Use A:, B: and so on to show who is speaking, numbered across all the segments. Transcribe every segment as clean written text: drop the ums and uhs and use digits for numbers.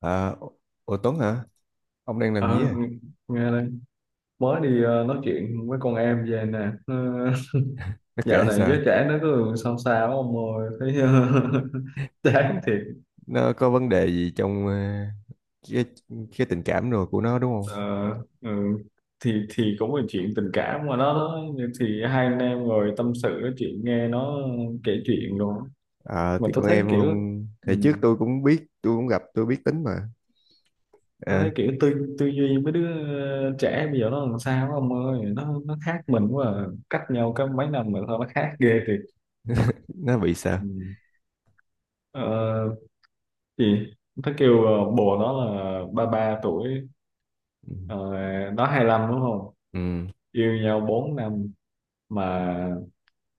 A: À, ủa Tuấn hả? Ông đang làm
B: Ờ,
A: gì à?
B: ng- Nghe đây, mới đi nói chuyện với con em về nè.
A: Nó
B: Dạo
A: kể
B: này
A: sao?
B: giới trẻ nó cứ sao sao ông ơi, thấy chán thiệt.
A: Nó có vấn đề gì trong cái cái tình cảm rồi của nó đúng không?
B: Ờ, ừ. Thì cũng là chuyện tình cảm mà nó thì hai anh em ngồi tâm sự nói chuyện nghe nó kể chuyện rồi.
A: À,
B: Mà
A: thì
B: tôi
A: con
B: thấy
A: em
B: kiểu,
A: không
B: ừ,
A: thì trước tôi cũng biết, tôi cũng gặp, tôi biết tính mà.
B: tôi
A: À,
B: thấy kiểu tư tư duy mấy đứa trẻ bây giờ nó làm sao ông ơi, nó khác mình quá à. Cách nhau có mấy năm mà sao nó khác ghê thiệt.
A: nó bị sao?
B: Ừ. Ờ, Gì? Nó kêu bồ nó là 33 tuổi,
A: Ừ.
B: ờ, nó 25 đúng không.
A: Ừ.
B: Yêu nhau 4 năm. Mà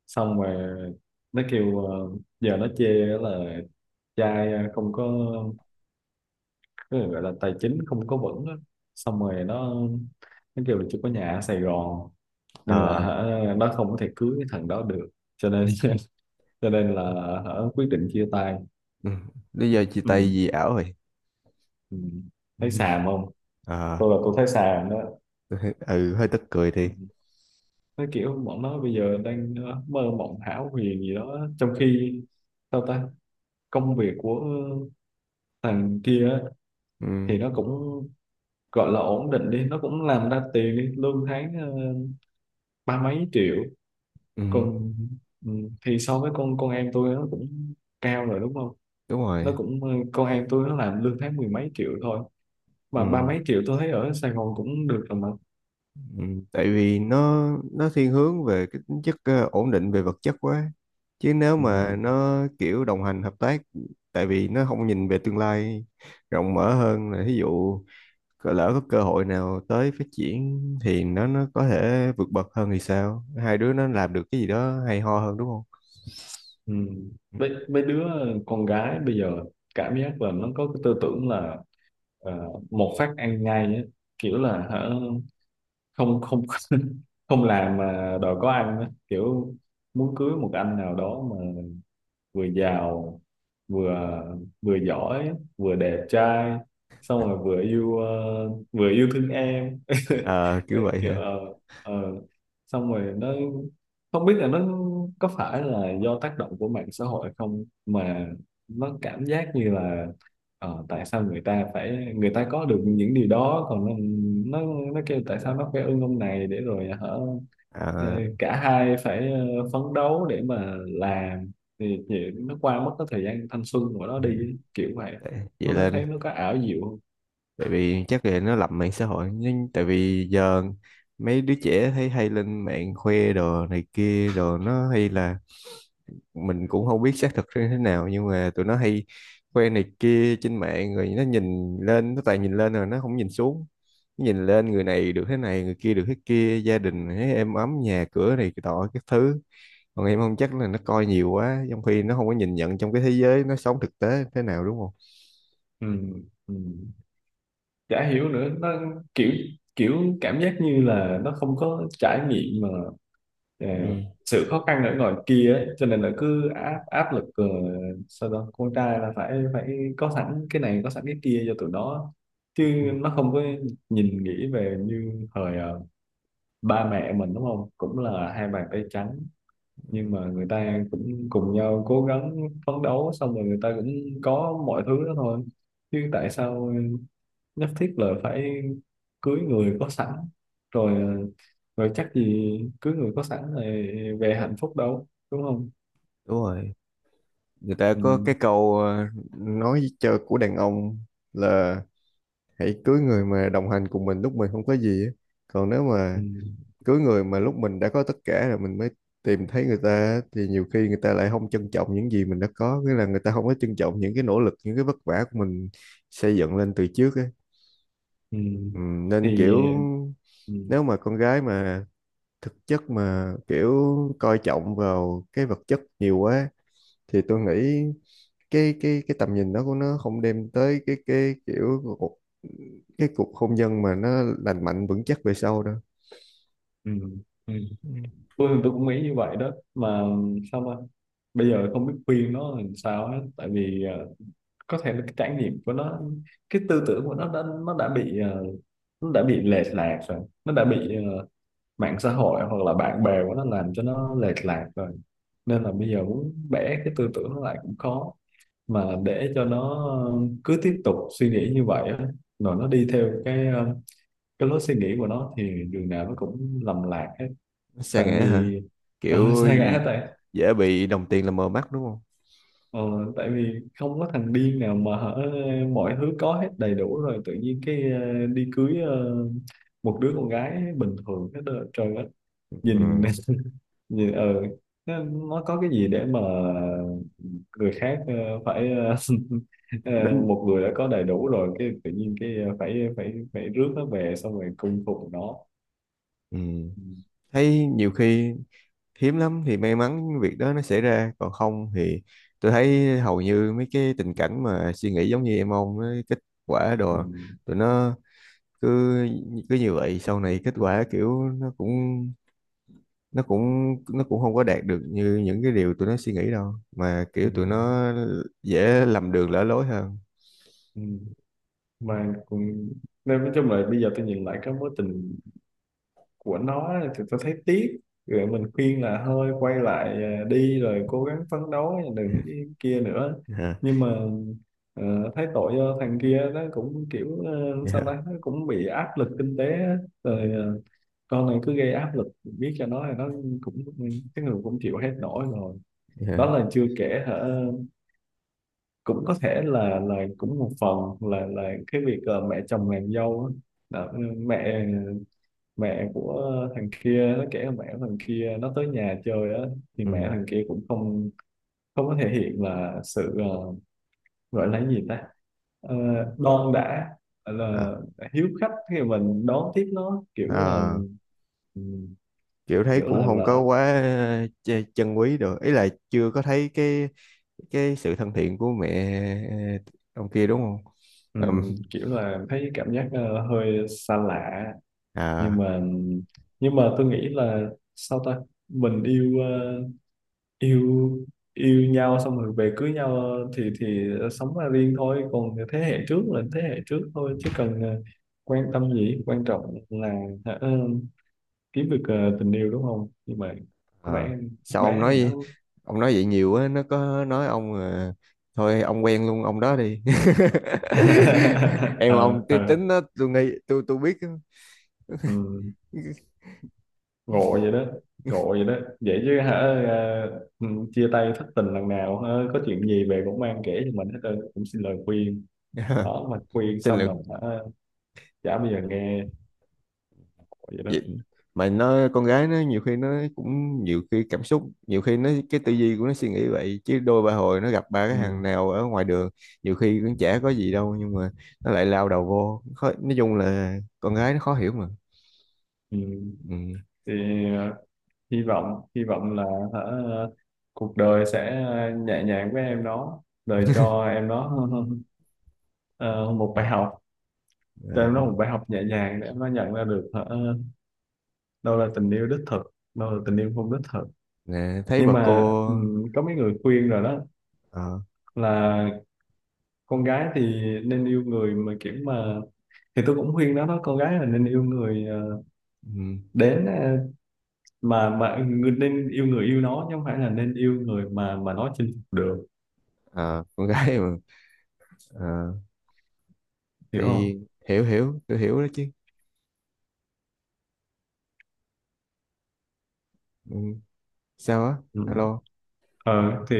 B: xong rồi, nó kêu giờ nó chê là trai không có cái gọi là tài chính không có vững á. Xong rồi nó kêu là chưa có nhà ở Sài Gòn. Nên là,
A: Ờ.
B: hả, nó không có thể cưới cái thằng đó được. Cho nên cho nên là, hả, quyết định chia tay.
A: Ừ. Lý do chia
B: Ừ.
A: tay gì ảo rồi?
B: Ừ.
A: Ừ.
B: Thấy xàm không?
A: À,
B: Tôi là tôi thấy xàm đó.
A: tôi thấy- ừ hơi tức cười thì.
B: Ừ. Nó kiểu bọn nó bây giờ đang mơ mộng hão huyền gì đó, trong khi sao ta, công việc của thằng kia á,
A: Ừ.
B: thì nó cũng gọi là ổn định đi, nó cũng làm ra tiền đi, lương tháng ba mấy triệu.
A: Ừ.
B: Còn, ừ, thì so với con em tôi nó cũng cao rồi đúng không.
A: Đúng
B: Nó
A: rồi.
B: cũng con em tôi nó làm lương tháng mười mấy triệu thôi, mà ba
A: Ừ.
B: mấy triệu tôi thấy ở Sài Gòn cũng được rồi mà.
A: Ừ, tại vì nó thiên hướng về cái tính chất ổn định về vật chất quá, chứ nếu
B: Ừ.
A: mà nó kiểu đồng hành hợp tác. Tại vì nó không nhìn về tương lai rộng mở hơn, là ví dụ lỡ có cơ hội nào tới phát triển thì nó có thể vượt bậc hơn, thì sao hai đứa nó làm được cái gì đó hay ho hơn, đúng không?
B: Ừ.
A: Ừ.
B: Mấy đứa con gái bây giờ cảm giác là nó có cái tư tưởng là ờ, một phát ăn ngay á, kiểu là, hả, không không không làm mà đòi có ăn á, kiểu muốn cưới một anh nào đó vừa giàu, vừa vừa giỏi, vừa đẹp trai, xong rồi vừa yêu thương em
A: Ờ, kiểu vậy
B: kiểu,
A: hả?
B: ờ. Xong rồi nó không biết là nó có phải là do tác động của mạng xã hội không, mà nó cảm giác như là, tại sao người ta có được những điều đó, còn nó, nó, nó kêu tại sao nó phải ưng ông này để rồi, hả, ờ,
A: À,
B: cả hai phải phấn đấu để mà làm thì chị nó qua mất cái thời gian thanh xuân của nó đi
A: ừ.
B: ấy, kiểu vậy.
A: Vậy
B: Nó
A: là
B: thấy nó có ảo diệu không?
A: tại vì chắc là nó lầm mạng xã hội, nhưng tại vì giờ mấy đứa trẻ thấy hay lên mạng khoe đồ này kia đồ, nó hay là mình cũng không biết xác thực như thế nào, nhưng mà tụi nó hay khoe này kia trên mạng rồi nó nhìn lên, nó toàn nhìn lên rồi nó không nhìn xuống. Nó nhìn lên người này được thế này, người kia được thế kia, gia đình thấy êm ấm nhà cửa này cái tọ các thứ. Còn em không, chắc là nó coi nhiều quá trong khi nó không có nhìn nhận trong cái thế giới nó sống thực tế thế nào, đúng không?
B: Ừ. Ừ. Chả hiểu nữa, nó kiểu kiểu cảm giác như là nó không có trải nghiệm mà, ờ,
A: Ừ.
B: sự khó khăn ở ngoài kia ấy. Cho nên là cứ áp áp lực, sao đó con trai là phải phải có sẵn cái này có sẵn cái kia cho tụi nó,
A: Ừ.
B: chứ nó không có nhìn nghĩ về như thời ba mẹ mình đúng không, cũng là hai bàn tay trắng,
A: Ừ.
B: nhưng mà người ta cũng cùng nhau cố gắng phấn đấu xong rồi người ta cũng có mọi thứ đó thôi. Chứ tại sao nhất thiết là phải cưới người có sẵn rồi, rồi chắc gì cưới người có sẵn rồi về hạnh phúc đâu đúng không.
A: Đúng rồi. Người ta
B: Ừ,
A: có cái câu nói chơi của đàn ông là hãy cưới người mà đồng hành cùng mình lúc mình không có gì á. Còn nếu mà
B: ừ,
A: cưới người mà lúc mình đã có tất cả rồi mình mới tìm thấy người ta á, thì nhiều khi người ta lại không trân trọng những gì mình đã có, nghĩa là người ta không có trân trọng những cái nỗ lực, những cái vất vả của mình xây dựng lên từ trước ấy.
B: ừ.
A: Ừ, nên
B: Thì,
A: kiểu
B: ừ,
A: nếu mà con gái mà thực chất mà kiểu coi trọng vào cái vật chất nhiều quá, thì tôi nghĩ cái tầm nhìn đó của nó không đem tới cái kiểu cái cuộc hôn nhân mà nó lành mạnh vững chắc về sau đâu.
B: ừ, ừ.
A: Ừ.
B: Tôi cũng nghĩ như vậy đó, mà sao mà bây giờ không biết khuyên nó làm sao hết, tại vì có thể là cái trải nghiệm của nó, cái tư tưởng của nó nó đã bị lệch lạc rồi, nó đã bị mạng xã hội hoặc là bạn bè của nó làm cho nó lệch lạc rồi. Nên là bây giờ muốn bẻ cái tư tưởng nó lại cũng khó, mà để cho nó cứ tiếp tục suy nghĩ như vậy á, rồi nó đi theo cái lối suy nghĩ của nó thì đường nào nó cũng lầm lạc hết.
A: Nó sa
B: Tại
A: ngã hả?
B: vì
A: kiểu
B: sai ngã,
A: gì-
B: tại.
A: Dễ bị đồng tiền làm mờ mắt đúng không?
B: Ờ, tại vì không có thằng điên nào mà, hở, mọi thứ có hết đầy đủ rồi tự nhiên cái đi cưới một đứa con gái bình thường hết đó, trời ơi. Nhìn
A: Ừ.
B: nhìn nó có cái gì để mà người khác phải
A: Đến.
B: một người đã có đầy đủ rồi cái tự nhiên cái phải phải phải rước nó về xong rồi cung phụng nó.
A: Ừ.
B: Ừ,
A: Thấy nhiều khi hiếm lắm thì may mắn việc đó nó xảy ra, còn không thì tôi thấy hầu như mấy cái tình cảnh mà suy nghĩ giống như em ông ấy, kết quả
B: ừ,
A: đồ tụi nó cứ cứ như vậy, sau này kết quả kiểu nó cũng nó cũng không có đạt được như những cái điều tụi nó suy nghĩ đâu, mà kiểu
B: ừ,
A: tụi nó dễ lầm đường lỡ lối hơn.
B: ừ. Mà cũng, nên nói chung là bây giờ tôi nhìn lại cái mối tình của nó thì tôi thấy tiếc. Rồi mình khuyên là thôi quay lại à, đi rồi cố gắng phấn đấu đừng cái kia nữa.
A: Yeah,
B: Nhưng mà, ờ, thấy tội cho thằng kia nó cũng kiểu sao
A: yeah,
B: ta, nó cũng bị áp lực kinh tế á. Rồi con này cứ gây áp lực biết cho nó thì nó cũng, cái người cũng chịu hết nổi rồi.
A: yeah.
B: Đó là chưa kể, hả, cũng có thể là cũng một phần là cái việc mẹ chồng nàng dâu á. Đó, mẹ mẹ của thằng kia nó kể là mẹ của thằng kia nó tới nhà chơi á, thì mẹ
A: Ừ.
B: thằng kia cũng không không có thể hiện là sự gọi là cái gì ta. Ờ, đon đã, là
A: À,
B: hiếu khách khi mà mình đón tiếp nó kiểu là,
A: à,
B: ừm,
A: kiểu thấy
B: kiểu
A: cũng
B: là
A: không có
B: là
A: quá chân quý được, ý là chưa có thấy cái sự thân thiện của mẹ ờ, ông kia đúng không? Ừm,
B: kiểu là thấy cảm giác hơi xa lạ. Nhưng
A: à,
B: mà tôi nghĩ là, sao ta, mình yêu ờ, yêu yêu nhau xong rồi về cưới nhau thì sống ra riêng thôi, còn thế hệ trước là thế hệ trước thôi, chứ cần quan tâm gì, quan trọng là ờ, kiếm được tình yêu đúng không. Nhưng mà có
A: à,
B: vẻ
A: sao ông
B: bé này nó
A: nói? Vậy nhiều á nó có nói ông à, thôi ông quen luôn ông đó đi. Em
B: ờ
A: ông
B: ờ
A: tính đó tôi nghĩ tôi biết á.
B: ừ, ngộ vậy đó, ngộ vậy đó. Vậy chứ, hả, ờ, ừ, chia tay thất tình lần nào, hả, có chuyện gì về cũng mang kể cho mình hết trơn, cũng xin lời khuyên đó. Mà khuyên
A: Xin
B: xong
A: lỗi.
B: rồi, hả, chả bao giờ nghe. Ngộ vậy đó.
A: Vậy mà nó con gái nó nhiều khi nó cũng nhiều khi cảm xúc, nhiều khi nó cái tư duy của nó suy nghĩ vậy, chứ đôi ba hồi nó gặp ba cái
B: Ừ.
A: thằng nào ở ngoài đường nhiều khi cũng chả có gì đâu, nhưng mà nó lại lao đầu vô khó. Nói chung là con gái nó khó hiểu mà.
B: Ừ.
A: Ừ.
B: Thì, ờ, hy vọng là, hả, cuộc đời sẽ nhẹ nhàng với em đó, đời cho em nó ờ, một bài học cho em nó,
A: À,
B: một bài học nhẹ nhàng để em nó nhận ra được, hả, đâu là tình yêu đích thực, đâu là tình yêu không đích thực.
A: nè, thấy
B: Nhưng
A: bà cô.
B: mà, có mấy người khuyên rồi đó,
A: ờ,
B: là con gái thì nên yêu người mà kiểu mà, thì tôi cũng khuyên nó đó, con gái là nên yêu người
A: ừ.
B: đến nên yêu người yêu nó chứ không phải là nên yêu người mà nó chinh phục được.
A: Ờ, con gái mà. Ờ,
B: Hiểu không?
A: thì hiểu, tôi hiểu đó chứ. Ừ. Sao á?
B: Ừ.
A: Alo?
B: Thì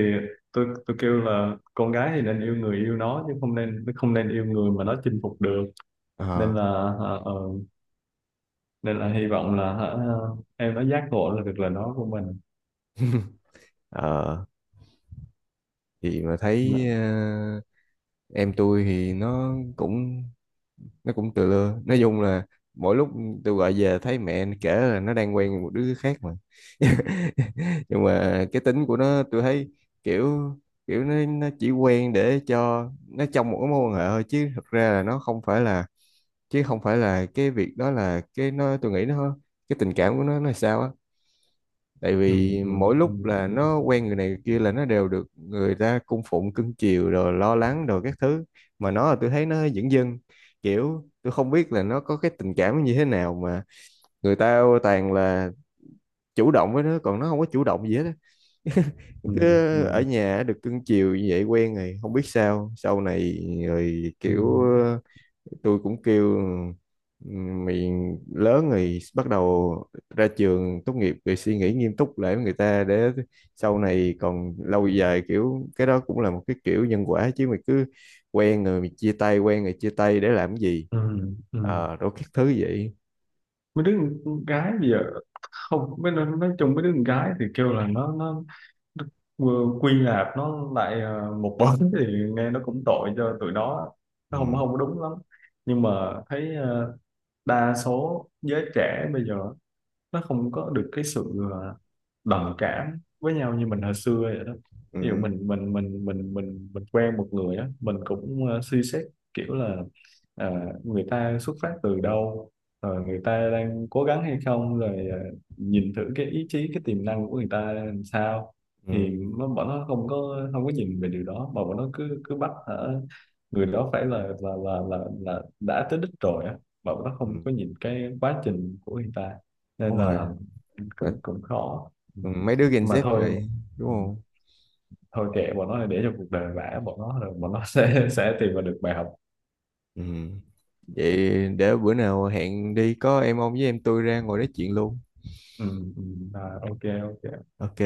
B: tôi kêu là con gái thì nên yêu người yêu nó, chứ không nên nó không nên yêu người mà nó chinh phục được.
A: Ờ,
B: nên là ờ, ờ, Nên là hy vọng là, hả, em nó giác ngộ là được, là nó của mình.
A: ờ, thì mà
B: Dạ.
A: thấy em tôi thì nó cũng tự lưa. Nói chung là mỗi lúc tôi gọi về thấy mẹ kể là nó đang quen một đứa khác mà. Nhưng mà cái tính của nó tôi thấy kiểu kiểu nó chỉ quen để cho nó trong một cái mối quan hệ thôi, chứ thật ra là nó không phải là, chứ không phải là cái việc đó là cái nó, tôi nghĩ nó cái tình cảm của nó là sao á. Tại
B: Ừ,
A: vì
B: ừ,
A: mỗi lúc là
B: ừ,
A: nó quen người này người kia là nó đều được người ta cung phụng cưng chiều rồi lo lắng rồi các thứ, mà nó là tôi thấy nó dửng dưng. Kiểu tôi không biết là nó có cái tình cảm như thế nào, mà người ta toàn là chủ động với nó, còn nó không có chủ động gì hết á,
B: ừ,
A: cứ
B: ừ,
A: ở
B: ừ,
A: nhà được cưng chiều như vậy quen rồi, không biết sao sau này. Rồi
B: ừ,
A: kiểu tôi cũng kêu "Ừ, mình lớn rồi, bắt đầu ra trường tốt nghiệp rồi suy nghĩ nghiêm túc lại với người ta, để sau này còn lâu dài. Kiểu cái đó cũng là một cái kiểu nhân quả, chứ mày cứ quen rồi mày chia tay, quen rồi chia tay để làm cái gì?
B: ừ. Ừ.
A: Ờ đôi các thứ vậy."
B: Mấy đứa con gái bây giờ, không mấy đứa, nói chung mấy đứa con gái thì kêu là nó Đức, quy nạp nó lại một bóng thì nghe nó cũng tội cho tụi nó. Nó không
A: Ừ,
B: không có đúng lắm, nhưng mà thấy đa số giới trẻ bây giờ nó không có được cái sự đồng cảm với nhau như mình hồi xưa vậy đó. Ví dụ
A: ừ,
B: mình quen một người á, mình cũng suy xét kiểu là ờ, người ta xuất phát từ đâu, rồi người ta đang cố gắng hay không, rồi nhìn thử cái ý chí, cái tiềm năng của người ta làm sao.
A: ừ,
B: Thì bọn nó không có nhìn về điều đó, mà bọn nó cứ cứ bắt, hả, người đó phải là đã tới đích rồi á, mà bọn nó
A: ừ.
B: không có nhìn cái quá trình của người ta. Nên
A: Đúng rồi.
B: là
A: Và
B: cũng cũng khó. Ừ.
A: mấy đứa Gen
B: Mà
A: Z
B: thôi.
A: rồi, đúng
B: Ừ.
A: không?
B: Thôi kệ bọn nó để cho cuộc đời vả bọn nó, rồi bọn nó sẽ tìm ra được bài học.
A: Ừ. Vậy để bữa nào hẹn đi, có em ông với em tôi ra ngồi nói chuyện luôn.
B: Ừ. Ừ. À, ok ok.
A: Ok.